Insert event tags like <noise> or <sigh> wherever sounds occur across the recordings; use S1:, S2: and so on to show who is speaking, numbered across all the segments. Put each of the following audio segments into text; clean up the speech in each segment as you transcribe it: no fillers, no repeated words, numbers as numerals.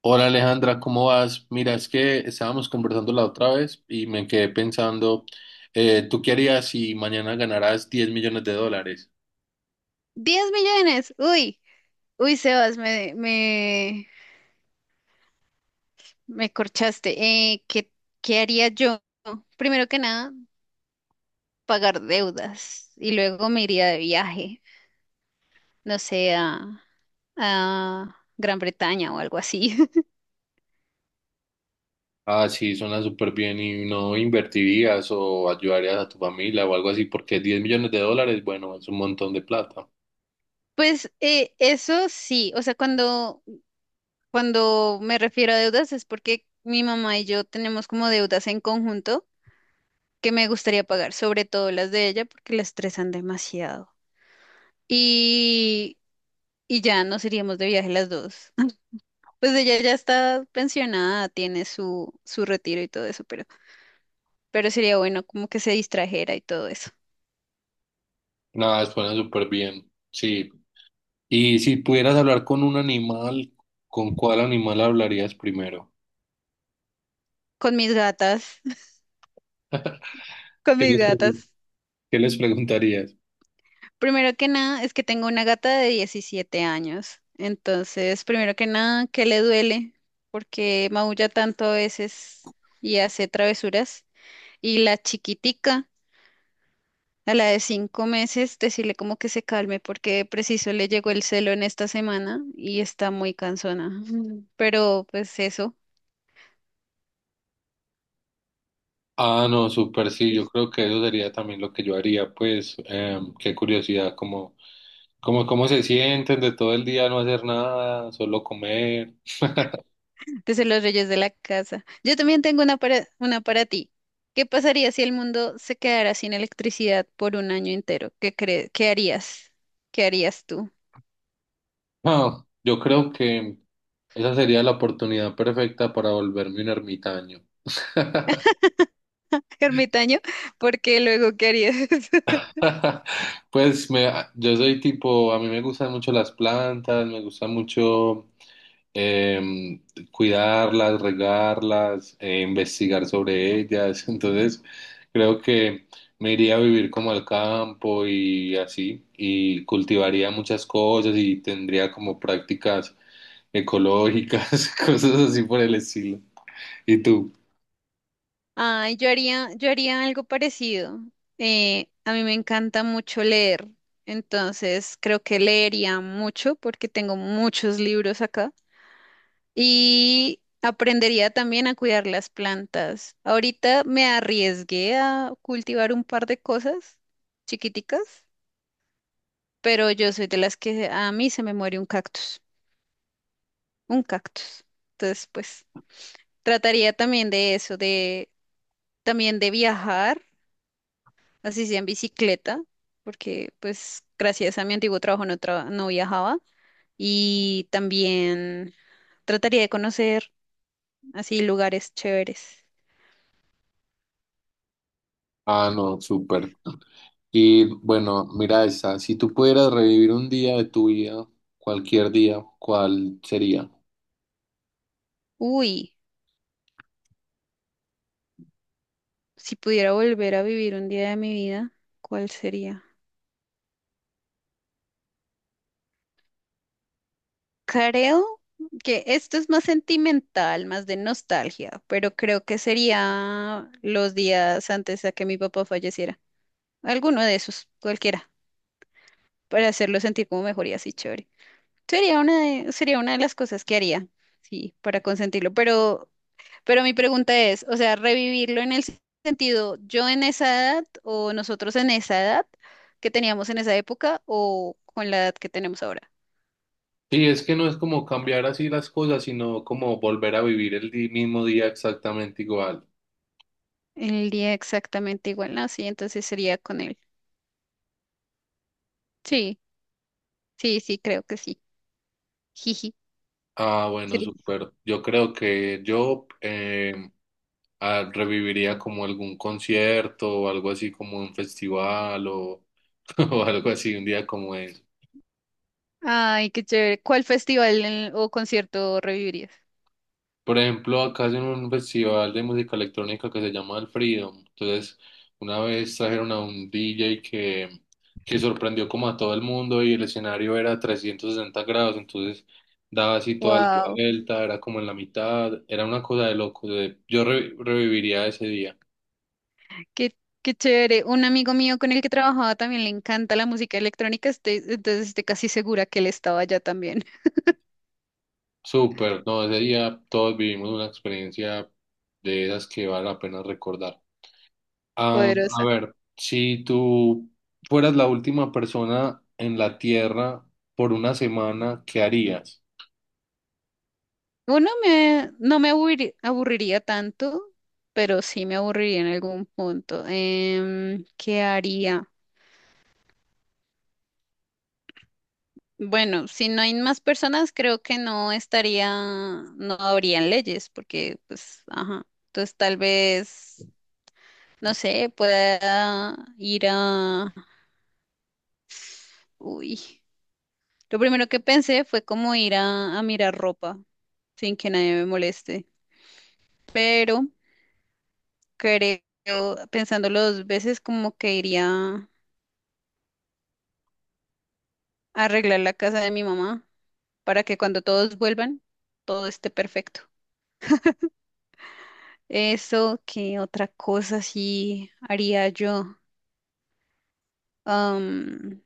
S1: Hola Alejandra, ¿cómo vas? Mira, es que estábamos conversando la otra vez y me quedé pensando, ¿tú qué harías si mañana ganaras 10 millones de dólares?
S2: 10 millones. Uy, uy, Sebas, me corchaste. Eh, ¿qué, qué haría yo? Primero que nada, pagar deudas y luego me iría de viaje, no sé, a Gran Bretaña o algo así. <laughs>
S1: Ah, sí, suena súper bien y no invertirías o ayudarías a tu familia o algo así, porque 10 millones de dólares, bueno, es un montón de plata.
S2: Pues eso sí, o sea, cuando me refiero a deudas es porque mi mamá y yo tenemos como deudas en conjunto que me gustaría pagar, sobre todo las de ella porque la estresan demasiado. Y ya nos iríamos de viaje las dos. <laughs> Pues ella ya está pensionada, tiene su retiro y todo eso, pero sería bueno como que se distrajera y todo eso.
S1: Nada, suena súper bien, sí. Y si pudieras hablar con un animal, ¿con cuál animal hablarías primero?
S2: Con mis gatas, <laughs> con
S1: ¿Qué
S2: mis
S1: les pregun-
S2: gatas.
S1: ¿Qué les preguntarías?
S2: Primero que nada, es que tengo una gata de 17 años. Entonces, primero que nada, que le duele porque maulla tanto a veces y hace travesuras. Y la chiquitica, a la de 5 meses, decirle como que se calme porque preciso le llegó el celo en esta semana y está muy cansona. Mm. Pero pues eso,
S1: Ah, no, súper sí, yo creo que eso sería también lo que yo haría, pues qué curiosidad, como cómo se sienten de todo el día no hacer nada, solo comer. <laughs>
S2: desde los reyes de la casa. Yo también tengo una para ti. ¿Qué pasaría si el mundo se quedara sin electricidad por un año entero? ¿Qué crees? ¿Qué harías? ¿Qué harías tú?
S1: No, yo creo que esa sería la oportunidad perfecta para volverme un ermitaño.
S2: <laughs> Ermitaño, porque luego, ¿qué harías?
S1: <laughs> Pues me, yo soy tipo, a mí me gustan mucho las plantas, me gusta mucho em, cuidarlas, regarlas, investigar sobre ellas. <laughs> Entonces, creo que me iría a vivir como al campo y así, y cultivaría muchas cosas y tendría como prácticas ecológicas, <laughs> cosas así por el estilo. ¿Y tú?
S2: Ay, yo haría algo parecido. A mí me encanta mucho leer, entonces creo que leería mucho porque tengo muchos libros acá y aprendería también a cuidar las plantas. Ahorita me arriesgué a cultivar un par de cosas chiquiticas, pero yo soy de las que a mí se me muere un cactus, un cactus. Entonces, pues trataría también de eso, de también de viajar así sea en bicicleta, porque pues gracias a mi antiguo trabajo no, no viajaba y también trataría de conocer así lugares chéveres.
S1: Ah, no, súper. Y bueno, mira esta. Si tú pudieras revivir un día de tu vida, cualquier día, ¿cuál sería?
S2: Uy, si pudiera volver a vivir un día de mi vida, ¿cuál sería? Creo que esto es más sentimental, más de nostalgia, pero creo que sería los días antes de que mi papá falleciera. Alguno de esos, cualquiera, para hacerlo sentir como mejor y así chévere. Sería una de las cosas que haría, sí, para consentirlo. Pero mi pregunta es, o sea, revivirlo en el sentido, yo en esa edad o nosotros en esa edad que teníamos en esa época o con la edad que tenemos ahora.
S1: Sí, es que no es como cambiar así las cosas, sino como volver a vivir mismo día exactamente igual.
S2: El día exactamente igual, ¿no? Sí, entonces sería con él. Sí, sí, sí, creo que sí. Jiji.
S1: Ah, bueno,
S2: sería-
S1: súper. Yo creo que yo reviviría como algún concierto o algo así como un festival <laughs> o algo así, un día como ese.
S2: Ay, qué chévere. ¿Cuál festival en- o concierto revivirías?
S1: Por ejemplo, acá hacen un festival de música electrónica que se llama el Freedom. Entonces, una vez trajeron a un DJ que sorprendió como a todo el mundo y el escenario era 360 grados, entonces daba así toda la
S2: Wow.
S1: vuelta, era como en la mitad, era una cosa de loco. Yo reviviría ese día.
S2: Qué, qué chévere. Un amigo mío con el que trabajaba también le encanta la música electrónica, entonces estoy casi segura que él estaba allá también. <laughs>
S1: Súper, no, ese día todos vivimos una experiencia de esas que vale la pena recordar. Ah, a
S2: Poderosa.
S1: ver, si tú fueras la última persona en la Tierra por una semana, ¿qué harías?
S2: Uno no me aburriría tanto, pero sí me aburriría en algún punto. ¿Qué haría? Bueno, si no hay más personas, creo que no estaría, no habrían leyes, porque pues, ajá. Entonces tal vez, no sé, pueda ir a... Uy. Lo primero que pensé fue como ir a mirar ropa sin que nadie me moleste. Pero creo, pensándolo dos veces, como que iría a arreglar la casa de mi mamá para que cuando todos vuelvan, todo esté perfecto. Eso, ¿qué otra cosa sí haría yo? Am,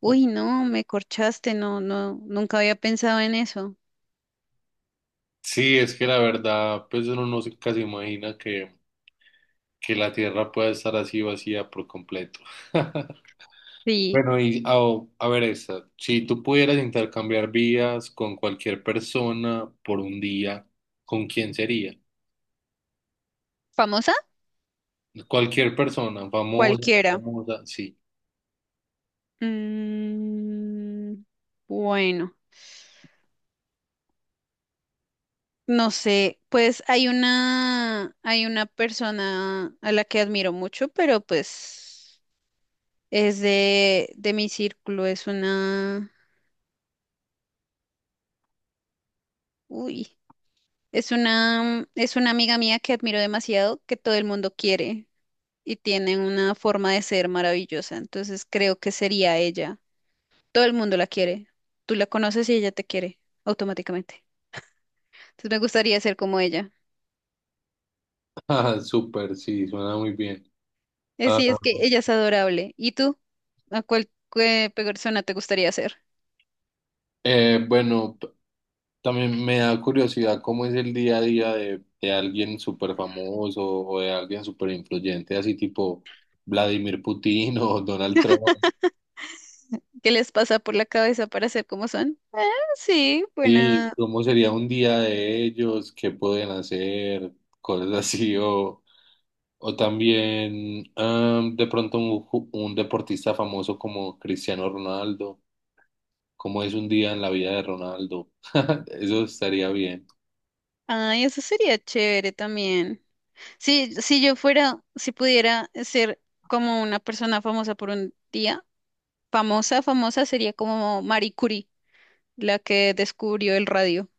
S2: uy, no, me corchaste, no, no, nunca había pensado en eso.
S1: Sí, es que la verdad, pues uno no se casi imagina que la Tierra pueda estar así vacía por completo. <laughs>
S2: Sí,
S1: Bueno, a ver esta, si tú pudieras intercambiar vidas con cualquier persona por un día, ¿con quién sería?
S2: famosa,
S1: Cualquier persona, famosa, no
S2: cualquiera.
S1: famosa, sí.
S2: Mm, bueno. No sé, pues hay una persona a la que admiro mucho, pero pues es de mi círculo, es una, uy, es una amiga mía que admiro demasiado, que todo el mundo quiere y tiene una forma de ser maravillosa, entonces creo que sería ella. Todo el mundo la quiere, tú la conoces y ella te quiere automáticamente. Entonces me gustaría ser como ella.
S1: <laughs> Ah, súper, sí, suena muy bien. Ah,
S2: Sí, es que ella es adorable. ¿Y tú? ¿A cuál qué persona te gustaría ser?
S1: Bueno, también me da curiosidad cómo es el día a día de alguien súper famoso o de alguien súper influyente, así tipo Vladimir Putin <laughs> o Donald Trump.
S2: ¿Qué les pasa por la cabeza para ser como son? Ah, sí,
S1: Sí,
S2: buena.
S1: cómo sería un día de ellos, qué pueden hacer, cosas así, o también de pronto un deportista famoso como Cristiano Ronaldo, cómo es un día en la vida de Ronaldo. <laughs> Eso estaría bien. <laughs>
S2: Ay, eso sería chévere también. Sí, si yo fuera, si pudiera ser como una persona famosa por un día, famosa, famosa sería como Marie Curie, la que descubrió el radio,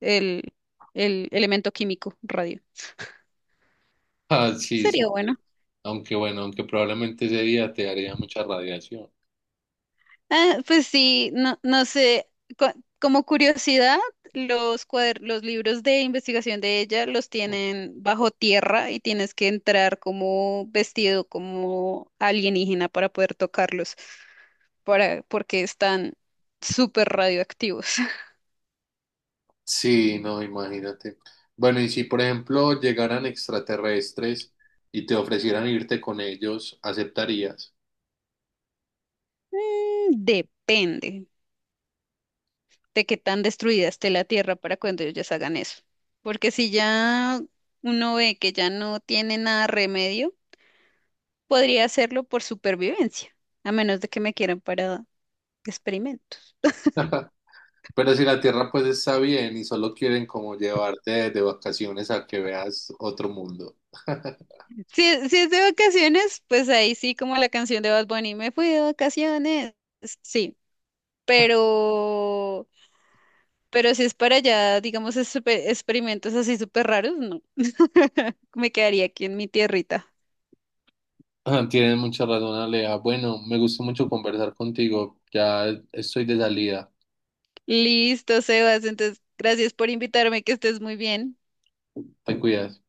S2: el, el elemento químico radio.
S1: Ah, sí.
S2: Sería bueno.
S1: Aunque bueno, aunque probablemente ese día te haría mucha radiación.
S2: Ah, pues sí, no, no sé, co- como curiosidad, los libros de investigación de ella los tienen bajo tierra y tienes que entrar como vestido como alienígena para poder tocarlos, para, porque están súper radioactivos. <laughs>
S1: Sí, no, imagínate. Bueno, y si por ejemplo llegaran extraterrestres y te ofrecieran irte con ellos, ¿aceptarías?
S2: Depende de qué tan destruida esté la tierra para cuando ellos hagan eso. Porque si ya uno ve que ya no tiene nada remedio, podría hacerlo por supervivencia, a menos de que me quieran para experimentos.
S1: Pero si la Tierra pues está bien y solo quieren como llevarte de vacaciones a que veas otro mundo. <laughs>
S2: Si es de vacaciones, pues ahí sí, como la canción de Bad Bunny, me fui de vacaciones. Sí, pero, pero si es para allá, digamos, experimentos así súper raros, no. <laughs> Me quedaría aquí en mi tierrita.
S1: Ah, tienes mucha razón, Alea. Bueno, me gustó mucho conversar contigo. Ya estoy de salida.
S2: Listo, Sebas, entonces gracias por invitarme, que estés muy bien.
S1: Te cuidas.